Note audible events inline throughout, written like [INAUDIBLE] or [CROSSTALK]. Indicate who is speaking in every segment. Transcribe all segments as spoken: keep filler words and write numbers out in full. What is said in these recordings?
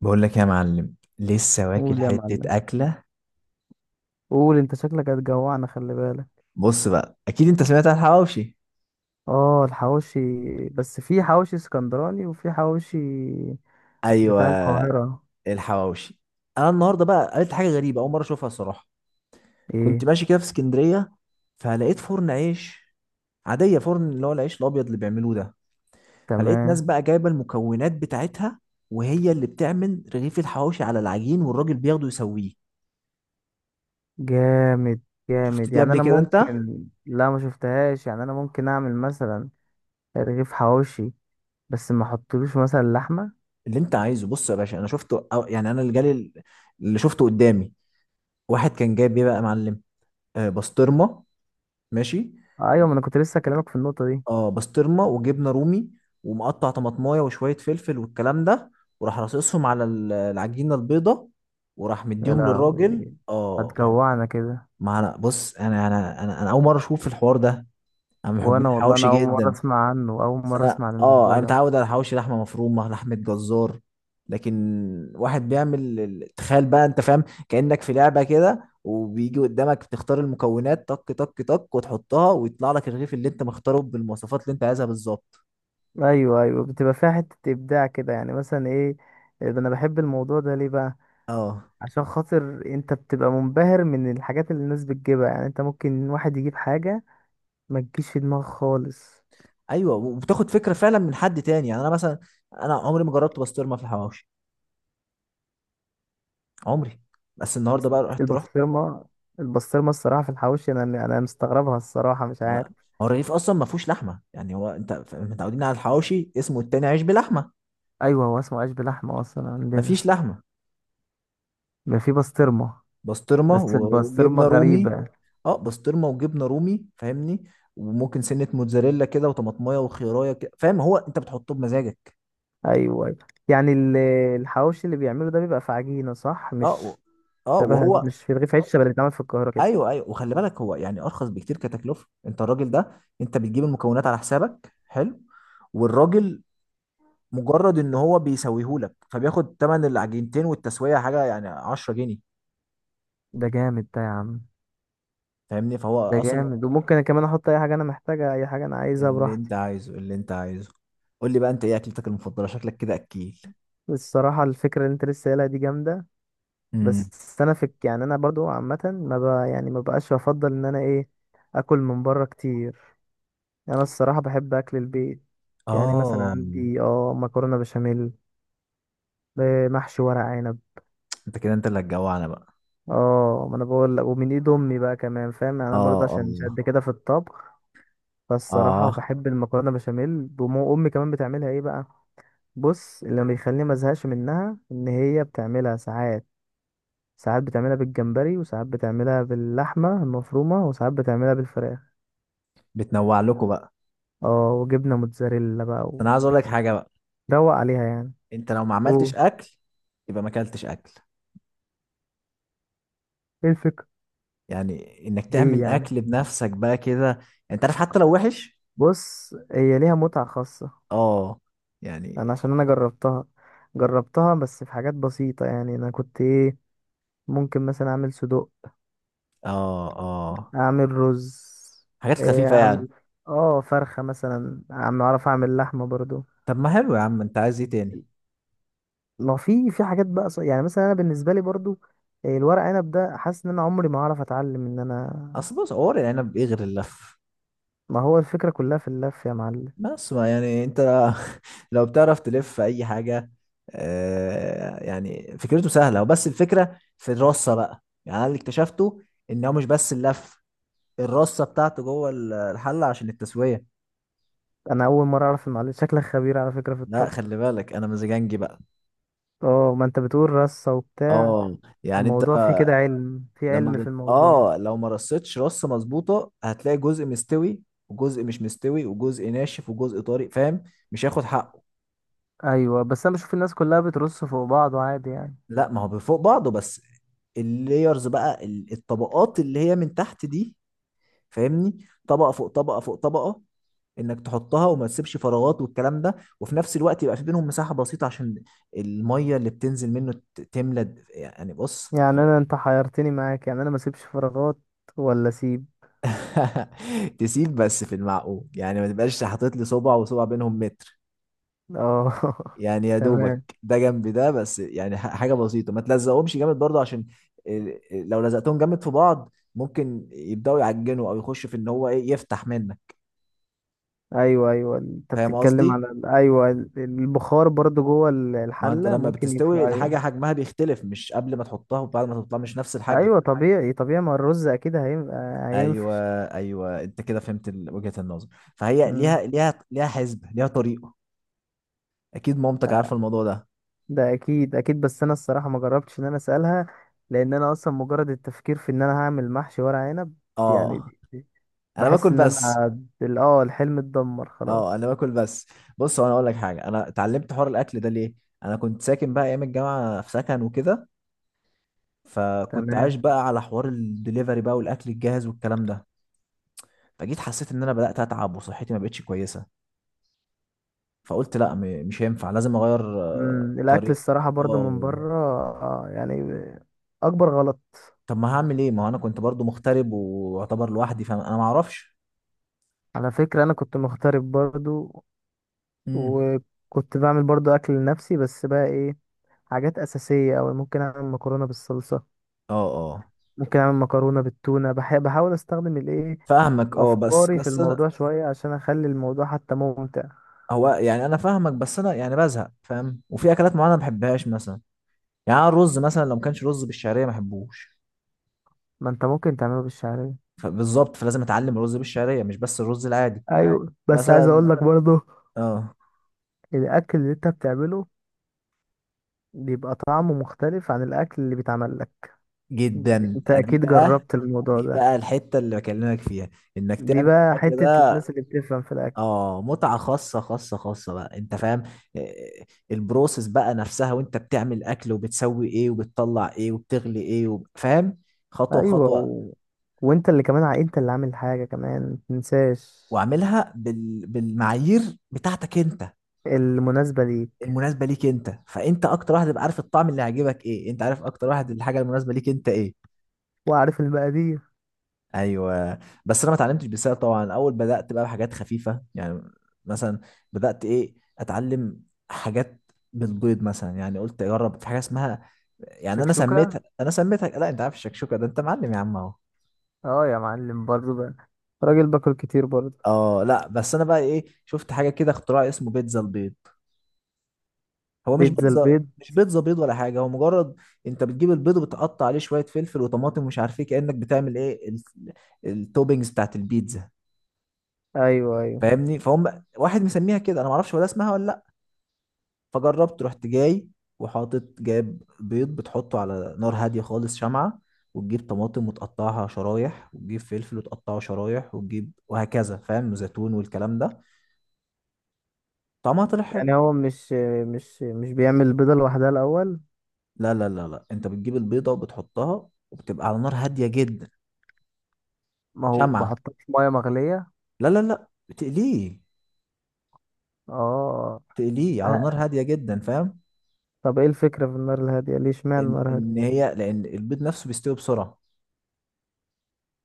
Speaker 1: بقول لك يا معلم لسه واكل
Speaker 2: قول يا معلم.
Speaker 1: حتة أكلة.
Speaker 2: قول انت شكلك هتجوعنا، خلي بالك.
Speaker 1: بص بقى أكيد أنت سمعت عن الحواوشي.
Speaker 2: اه الحواوشي. بس في حواوشي اسكندراني وفي حواوشي
Speaker 1: أيوه
Speaker 2: بتاع القاهرة.
Speaker 1: الحواوشي. أنا النهاردة بقى قلت حاجة غريبة أول مرة أشوفها الصراحة. كنت
Speaker 2: ايه.
Speaker 1: ماشي كده في اسكندرية، فلقيت فرن عيش عادية، فرن اللي هو العيش الأبيض اللي بيعملوه ده. فلقيت ناس
Speaker 2: تمام.
Speaker 1: بقى جايبة المكونات بتاعتها، وهي اللي بتعمل رغيف الحواوشي على العجين والراجل بياخده يسويه.
Speaker 2: جامد
Speaker 1: شفت
Speaker 2: جامد،
Speaker 1: دي
Speaker 2: يعني
Speaker 1: قبل
Speaker 2: انا
Speaker 1: كده أنت؟
Speaker 2: ممكن لا ما شفتهاش، يعني انا ممكن اعمل مثلا رغيف حواوشي، بس ما احطلوش مثلا لحمة.
Speaker 1: اللي أنت عايزه، بص يا باشا، أنا شفته أو- يعني أنا اللي جالي، اللي شفته قدامي، واحد كان جايب إيه بقى يا معلم؟ آه، بسطرمه. ماشي.
Speaker 2: ايوه، ما انا كنت لسه اكلمك في النقطة دي.
Speaker 1: اه بسطرمه وجبنه رومي، ومقطع طماطمايه وشويه فلفل والكلام ده. وراح راصصهم على ال- العجينه البيضه، وراح
Speaker 2: يا
Speaker 1: مديهم للراجل.
Speaker 2: لهوي،
Speaker 1: اه
Speaker 2: هتجوعنا كده.
Speaker 1: ما انا بص انا انا انا, أنا اول مره اشوف الحوار ده. انا من محبين
Speaker 2: وانا والله
Speaker 1: الحواوشي
Speaker 2: انا اول مرة
Speaker 1: جدا.
Speaker 2: اسمع عنه، اول
Speaker 1: بس
Speaker 2: مرة
Speaker 1: انا
Speaker 2: اسمع عن
Speaker 1: اه
Speaker 2: الموضوع
Speaker 1: انا
Speaker 2: ده.
Speaker 1: متعود على حواوشي لحمه مفرومه، لحمه جزار. لكن واحد بيعمل ال- تخيل بقى انت، فاهم كانك في لعبه كده، وبيجي قدامك تختار المكونات، طك طك طك، وتحطها ويطلع لك الرغيف اللي انت مختاره بالمواصفات اللي انت عايزها بالظبط.
Speaker 2: ايوه ايوه، بتبقى فيها حته ابداع كده، يعني مثلا ايه؟ انا بحب الموضوع ده ليه بقى؟
Speaker 1: اه.
Speaker 2: عشان خاطر انت بتبقى منبهر من الحاجات اللي الناس بتجيبها، يعني انت ممكن واحد يجيب حاجه ما تجيش في دماغك خالص.
Speaker 1: ايوه وبتاخد فكره فعلا من حد تاني، يعني انا مثلا انا عمري ما جربت بسطرمه في الحواوشي. عمري. بس النهارده
Speaker 2: بس
Speaker 1: بقى رحت رحت
Speaker 2: البسطرمه، البسطرمه الصراحه في الحواوشي، انا انا مستغربها الصراحه، مش عارف.
Speaker 1: ما- هو الرغيف اصلا ما فيهوش لحمه، يعني هو انت ف- متعودين على الحواوشي، اسمه التاني عيش بلحمه.
Speaker 2: ايوه، هو اسمه عيش بلحمه اصلا
Speaker 1: ما
Speaker 2: عندنا،
Speaker 1: فيش لحمه.
Speaker 2: ما في بسطرمه.
Speaker 1: بسطرمه
Speaker 2: بس البسطرمه
Speaker 1: وجبنه رومي.
Speaker 2: غريبه.
Speaker 1: اه بسطرمه وجبنه رومي، فاهمني؟ وممكن سنه موتزاريلا كده، وطماطمايه وخيرايه كده، فاهم؟ هو انت بتحطه بمزاجك.
Speaker 2: ايوه أيوة. يعني ال- الحواوشي اللي بيعمله ده بيبقى في عجينه، صح؟
Speaker 1: اه و...
Speaker 2: مش
Speaker 1: اه
Speaker 2: شبه
Speaker 1: وهو.
Speaker 2: مش في رغيف عيش شبه اللي بيتعمل في القاهره كده؟
Speaker 1: ايوه ايوه، وخلي بالك هو يعني ارخص بكتير كتكلفه، انت الراجل ده انت بتجيب المكونات على حسابك، حلو. والراجل مجرد ان هو بيسويهولك، فبياخد تمن العجينتين والتسويه حاجه يعني عشرة جنيه.
Speaker 2: ده جامد ده يا عم.
Speaker 1: فاهمني؟ فهو
Speaker 2: ده
Speaker 1: اصلا.
Speaker 2: جامد، وممكن أنا كمان احط اي حاجه انا محتاجها، اي حاجه انا عايزها
Speaker 1: اللي
Speaker 2: براحتي.
Speaker 1: انت عايزه، اللي انت عايزه. قول لي بقى انت ايه اكلتك المفضله، شكلك كده اكيل.
Speaker 2: الصراحه الفكره اللي انت لسه قايلها دي جامده. بس انا في، يعني انا برضو عامه ما ب... يعني ما بقاش بفضل ان انا ايه، اكل من بره كتير. انا الصراحه بحب اكل البيت. يعني مثلا
Speaker 1: اه.
Speaker 2: عندي اه مكرونه بشاميل، آه، محشي ورق عنب.
Speaker 1: انت كده انت اللي هتجوعنا بقى.
Speaker 2: اه، ما انا بقول لك، ومن ايد امي بقى كمان، فاهم يعني انا
Speaker 1: اه
Speaker 2: برضه
Speaker 1: اه.
Speaker 2: عشان مش قد كده في الطبخ. فالصراحه
Speaker 1: اه.
Speaker 2: بحب المكرونه بشاميل، وام امي كمان بتعملها ايه بقى؟ بص اللي ما بيخليني ما ازهقش منها ان هي بتعملها ساعات، ساعات بتعملها بالجمبري، وساعات بتعملها باللحمه المفرومه، وساعات بتعملها بالفراخ.
Speaker 1: بتنوع لكم بقى.
Speaker 2: اه وجبنه موتزاريلا بقى،
Speaker 1: انا عايز اقول لك حاجه بقى.
Speaker 2: وروق عليها يعني.
Speaker 1: انت لو ما
Speaker 2: قول.
Speaker 1: عملتش اكل يبقى ما اكلتش اكل.
Speaker 2: ايه الفكرة؟
Speaker 1: يعني انك
Speaker 2: ليه
Speaker 1: تعمل
Speaker 2: يعني؟
Speaker 1: اكل بنفسك بقى كده، انت عارف حتى لو وحش.
Speaker 2: بص هي ليها متعه خاصه،
Speaker 1: اه.
Speaker 2: انا
Speaker 1: يعني.
Speaker 2: عشان انا جربتها. جربتها بس في حاجات بسيطه، يعني انا كنت ايه، ممكن مثلا اعمل صدوق،
Speaker 1: اه اه.
Speaker 2: اعمل رز،
Speaker 1: حاجات
Speaker 2: إيه،
Speaker 1: خفيفه
Speaker 2: اعمل
Speaker 1: يعني.
Speaker 2: اه فرخه مثلا، اعمل، اعرف اعمل لحمه برضو.
Speaker 1: طب ما حلو يا عم، انت عايز ايه تاني؟
Speaker 2: ما في، في حاجات بقى ص- يعني مثلا انا بالنسبه لي برضو، آه، الورق عنب ده حاسس ان انا عمري ما هعرف اتعلم ان انا.
Speaker 1: اصل بص ورق العنب ايه غير اللف؟
Speaker 2: ما هو الفكره كلها في اللف يا معلم.
Speaker 1: بس ما يعني انت [LAUGHS] لو بتعرف تلف في اي حاجه. آه، يعني فكرته سهله، وبس الفكره في الرصه بقى، يعني انا اللي اكتشفته ان هو مش بس اللف، الرصه بتاعته جوه ال- الحله عشان التسويه.
Speaker 2: انا اول مره اعرف، المعلم شكلك خبير على فكره في
Speaker 1: لا
Speaker 2: الطبخ.
Speaker 1: خلي بالك انا مزاجنجي بقى.
Speaker 2: اه، ما انت بتقول رصه وبتاع،
Speaker 1: اه. يعني انت
Speaker 2: الموضوع فيه كده علم، في
Speaker 1: لما
Speaker 2: علم في
Speaker 1: بت...
Speaker 2: الموضوع.
Speaker 1: اه لو ما رصتش رصه مظبوطه، هتلاقي جزء مستوي وجزء مش مستوي، وجزء ناشف وجزء طري، فاهم؟ مش هياخد حقه.
Speaker 2: ايوه، بس انا بشوف الناس كلها بترص فوق بعض عادي يعني.
Speaker 1: لا ما هو بفوق بعضه بس، اللييرز بقى، ال- الطبقات اللي هي من تحت دي، فاهمني؟ طبقة فوق طبقة فوق طبقة، انك تحطها وما تسيبش فراغات والكلام ده. وفي نفس الوقت يبقى في بينهم مساحة بسيطة عشان المية اللي بتنزل منه ت- تملى د- يعني بص
Speaker 2: يعني انا، انت حيرتني معاك، يعني انا ما اسيبش فراغات ولا اسيب؟
Speaker 1: [LAUGHS] تسيب بس في المعقول، يعني ما تبقاش حاطط لي صبع وصبع بينهم متر.
Speaker 2: اه
Speaker 1: يعني يا
Speaker 2: [LAUGHS] تمام.
Speaker 1: دوبك ده جنب ده، بس يعني ح- حاجه بسيطه، ما تلزقهمش جامد برضه عشان ال- ال- لو لزقتهم جامد في بعض ممكن يبداوا يعجنوا، او يخش في ان هو ايه يفتح منك.
Speaker 2: ايوه ايوه، انت
Speaker 1: فاهم
Speaker 2: بتتكلم
Speaker 1: قصدي؟
Speaker 2: على ال- ايوه ال- البخار برضو جوه ال-
Speaker 1: ما انت
Speaker 2: الحله
Speaker 1: لما
Speaker 2: ممكن يف...
Speaker 1: بتستوي الحاجه
Speaker 2: ايوه.
Speaker 1: حجمها بيختلف، مش قبل ما تحطها وبعد ما تحطها مش نفس الحجم.
Speaker 2: ايوه طبيعي طبيعي، ما الرز اكيد هينفع،
Speaker 1: ايوه
Speaker 2: هينفش.
Speaker 1: ايوه انت كده فهمت ال- وجهه النظر. فهي
Speaker 2: مم.
Speaker 1: ليها ليها ليها حسبه، ليها طريقه. اكيد مامتك عارفه الموضوع ده.
Speaker 2: ده اكيد اكيد، بس انا الصراحه ما جربتش ان انا اسالها، لان انا اصلا مجرد التفكير في ان انا هعمل محشي ورق عنب،
Speaker 1: اه
Speaker 2: يعني
Speaker 1: انا
Speaker 2: بحس
Speaker 1: باكل
Speaker 2: ان
Speaker 1: بس.
Speaker 2: انا ال- اه الحلم اتدمر
Speaker 1: اه
Speaker 2: خلاص.
Speaker 1: انا باكل بس. بص هو انا اقول لك حاجه، انا اتعلمت حوار الاكل ده ليه. انا كنت ساكن بقى ايام الجامعه في سكن وكده، فكنت عايش
Speaker 2: تمام.
Speaker 1: بقى على حوار الدليفري بقى والاكل الجاهز والكلام ده. فجيت حسيت ان انا بدات اتعب وصحتي ما بقتش كويسه، فقلت لا م- مش هينفع لازم اغير آه،
Speaker 2: مم. الاكل
Speaker 1: طريق.
Speaker 2: الصراحه برضو من
Speaker 1: اه
Speaker 2: بره، آه يعني، اكبر غلط.
Speaker 1: طب ما هعمل ايه، ما هو انا كنت برضو مغترب واعتبر لوحدي، فانا ما اعرفش.
Speaker 2: على فكره انا كنت مغترب برضو،
Speaker 1: امم.
Speaker 2: وكنت بعمل برضو اكل لنفسي، بس بقى ايه، حاجات اساسيه أوي. ممكن اعمل مكرونه بالصلصه،
Speaker 1: اه اه.
Speaker 2: ممكن اعمل مكرونه بالتونه، بح بحاول استخدم الايه،
Speaker 1: فاهمك. اه بس
Speaker 2: افكاري في
Speaker 1: بس انا
Speaker 2: الموضوع شويه، عشان اخلي الموضوع حتى ممتع.
Speaker 1: هو يعني انا فاهمك، بس انا يعني بزهق، فاهم؟ وفي اكلات معينه ما بحبهاش مثلا، يعني أنا الرز مثلا لو ما كانش رز بالشعريه ما احبوش.
Speaker 2: ما انت ممكن تعمله بالشعريه.
Speaker 1: فبالظبط، فلازم اتعلم الرز بالشعريه مش بس الرز العادي.
Speaker 2: أيوة. ايوه، بس عايز
Speaker 1: مثلا.
Speaker 2: اقول لك برضو،
Speaker 1: اه.
Speaker 2: الاكل اللي انت بتعمله بيبقى طعمه مختلف عن الاكل اللي بيتعمل لك.
Speaker 1: جدا
Speaker 2: انت
Speaker 1: دي
Speaker 2: اكيد
Speaker 1: بقى.
Speaker 2: جربت الموضوع
Speaker 1: دي
Speaker 2: ده.
Speaker 1: بقى الحته اللي بكلمك فيها، انك
Speaker 2: دي
Speaker 1: تعمل
Speaker 2: بقى
Speaker 1: الاكل
Speaker 2: حته
Speaker 1: ده.
Speaker 2: الناس اللي بتفهم في الاكل.
Speaker 1: اه متعه خاصه خاصه خاصه بقى، انت فاهم؟ آه، البروسيس بقى نفسها، وانت بتعمل اكل وبتسوي ايه وبتطلع ايه وبتغلي ايه وب- فاهم؟ خطوه
Speaker 2: ايوه
Speaker 1: بخطوه.
Speaker 2: و... وانت اللي كمان ع- انت اللي عامل حاجه كمان، متنساش.
Speaker 1: واعملها بال... بالمعايير بتاعتك انت،
Speaker 2: المناسبه ليك.
Speaker 1: المناسبه ليك. انت فانت اكتر واحد تبقى عارف الطعم اللي هيعجبك ايه، انت عارف اكتر واحد الحاجه المناسبه ليك انت ايه.
Speaker 2: وعارف المقادير.
Speaker 1: ايوه. بس انا ما اتعلمتش بسهل طبعا، اول بدات بقى بحاجات خفيفه يعني. مثلا بدات ايه اتعلم حاجات بالبيض مثلا، يعني قلت اجرب في حاجه اسمها، يعني انا
Speaker 2: شكشوكه.
Speaker 1: سميتها انا سميتها لا انت عارف الشكشوكه، ده انت معلم يا عم اهو.
Speaker 2: اه يا معلم برضو بقى، راجل باكل كتير برضو.
Speaker 1: اه لا بس انا بقى ايه، شفت حاجه كده اختراع اسمه بيتزا البيض. هو مش
Speaker 2: بيتزا
Speaker 1: بيتزا،
Speaker 2: البيض.
Speaker 1: مش بيتزا بيض ولا حاجه، هو مجرد انت بتجيب البيض وبتقطع عليه شويه فلفل وطماطم ومش عارف ايه، كانك بتعمل ايه ال- التوبينجز بتاعت البيتزا،
Speaker 2: ايوه ايوه.
Speaker 1: فاهمني؟ فهم واحد مسميها كده، انا ما اعرفش ولا اسمها ولا لا. فجربت، رحت جاي وحاطط جايب بيض بتحطه على نار هاديه خالص شمعه. وتجيب طماطم وتقطعها شرايح، وتجيب فلفل وتقطعه شرايح، وتجيب وهكذا فاهم، وزيتون والكلام ده. طعمها طلع حلو.
Speaker 2: يعني هو مش، مش مش بيعمل البيضه لوحدها الاول؟
Speaker 1: لا لا لا لا انت بتجيب البيضه وبتحطها وبتبقى على نار هاديه جدا.
Speaker 2: ما هو
Speaker 1: شمعة.
Speaker 2: بحطها في ميه مغليه.
Speaker 1: لا لا لا تقليه.
Speaker 2: اه.
Speaker 1: تقليه على نار
Speaker 2: ه-.
Speaker 1: هاديه جدا فاهم؟
Speaker 2: طب ايه الفكره في النار الهاديه ليه؟ اشمعنى
Speaker 1: ان
Speaker 2: النار هاديه؟
Speaker 1: ان هي لان البيض نفسه بيستوي بسرعه،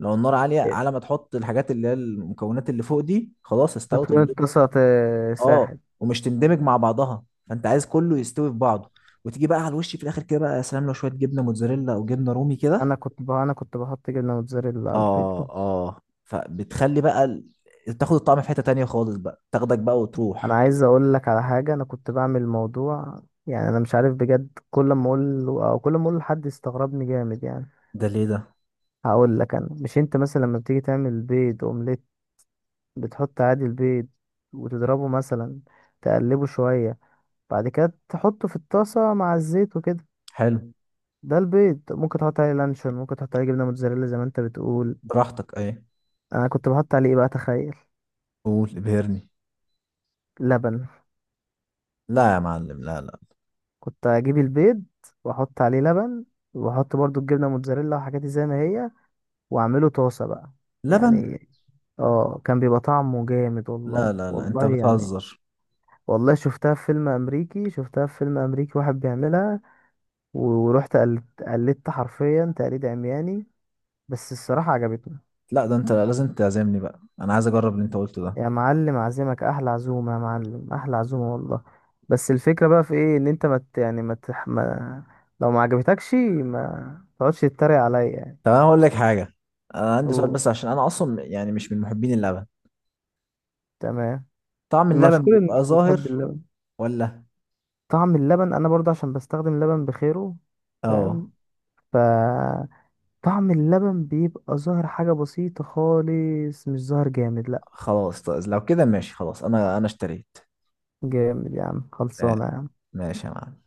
Speaker 1: لو النار عاليه على ما تحط الحاجات اللي هي المكونات اللي فوق دي خلاص استوت
Speaker 2: هتكون
Speaker 1: البيض.
Speaker 2: اتلصقت، آه،
Speaker 1: اه
Speaker 2: ساحل.
Speaker 1: ومش تندمج مع بعضها، فانت عايز كله يستوي في بعضه، وتيجي بقى على الوش في الاخر كده بقى، يا سلام لو شويه جبنه موتزاريلا او جبنه رومي كده.
Speaker 2: انا كنت ب...، انا كنت بحط جبنه موتزاريلا على البيض.
Speaker 1: اه اه فبتخلي بقى ال- تاخد الطعم في حته تانيه خالص بقى، تاخدك بقى
Speaker 2: انا
Speaker 1: وتروح.
Speaker 2: عايز اقول لك على حاجه، انا كنت بعمل موضوع، يعني انا مش عارف بجد، كل ما اقول له- او كل ما اقول لحد يستغربني جامد يعني.
Speaker 1: ده ليه ده؟
Speaker 2: هقول لك، انا مش، انت مثلا لما بتيجي تعمل بيض اومليت، بتحط عادي البيض، وتضربه مثلا، تقلبه شويه، بعد كده تحطه في الطاسه مع الزيت وكده.
Speaker 1: حلو.
Speaker 2: ده البيض ممكن تحط عليه لانشون، ممكن تحط عليه جبنه موتزاريلا زي ما انت بتقول.
Speaker 1: براحتك ايه.
Speaker 2: انا كنت بحط عليه ايه بقى، تخيل؟
Speaker 1: قول ابهرني.
Speaker 2: لبن.
Speaker 1: لا يا معلم، لا لا
Speaker 2: كنت اجيب البيض، واحط عليه لبن، واحط برضو الجبنه موتزاريلا وحاجاتي زي ما هي، واعمله طاسة بقى
Speaker 1: لبن.
Speaker 2: يعني. اه كان بيبقى طعمه جامد، والله
Speaker 1: لا لا لا انت
Speaker 2: والله يعني.
Speaker 1: بتهزر.
Speaker 2: والله شفتها في فيلم امريكي، شفتها في فيلم امريكي واحد بيعملها، ورحت قلدت قلدت حرفيا تقليد عمياني، بس الصراحة عجبتني.
Speaker 1: لا ده انت لازم تعزمني بقى، انا عايز اجرب اللي انت قلته ده.
Speaker 2: يا معلم عزمك احلى عزومة، يا معلم احلى عزومة والله. بس الفكرة بقى في ايه، ان انت ما مت يعني، ما مت ما، لو ما عجبتكش ما تقعدش تتريق عليا يعني.
Speaker 1: طب انا هقول لك حاجه، انا عندي سؤال
Speaker 2: اوه.
Speaker 1: بس، عشان انا اصلا يعني مش من محبين اللبن.
Speaker 2: تمام.
Speaker 1: طعم اللبن
Speaker 2: مشكور ان
Speaker 1: بيبقى
Speaker 2: الناس بتحب
Speaker 1: ظاهر
Speaker 2: اللبن.
Speaker 1: ولا؟
Speaker 2: طعم اللبن انا برضه عشان بستخدم لبن بخيره،
Speaker 1: اه
Speaker 2: فاهم، ف، طعم اللبن بيبقى ظاهر حاجة بسيطة خالص، مش ظاهر جامد لا.
Speaker 1: خلاص طيب لو كده ماشي خلاص، انا انا اشتريت
Speaker 2: جامد يا عم، خلصانة
Speaker 1: آه،
Speaker 2: يا عم.
Speaker 1: ماشي يا معلم.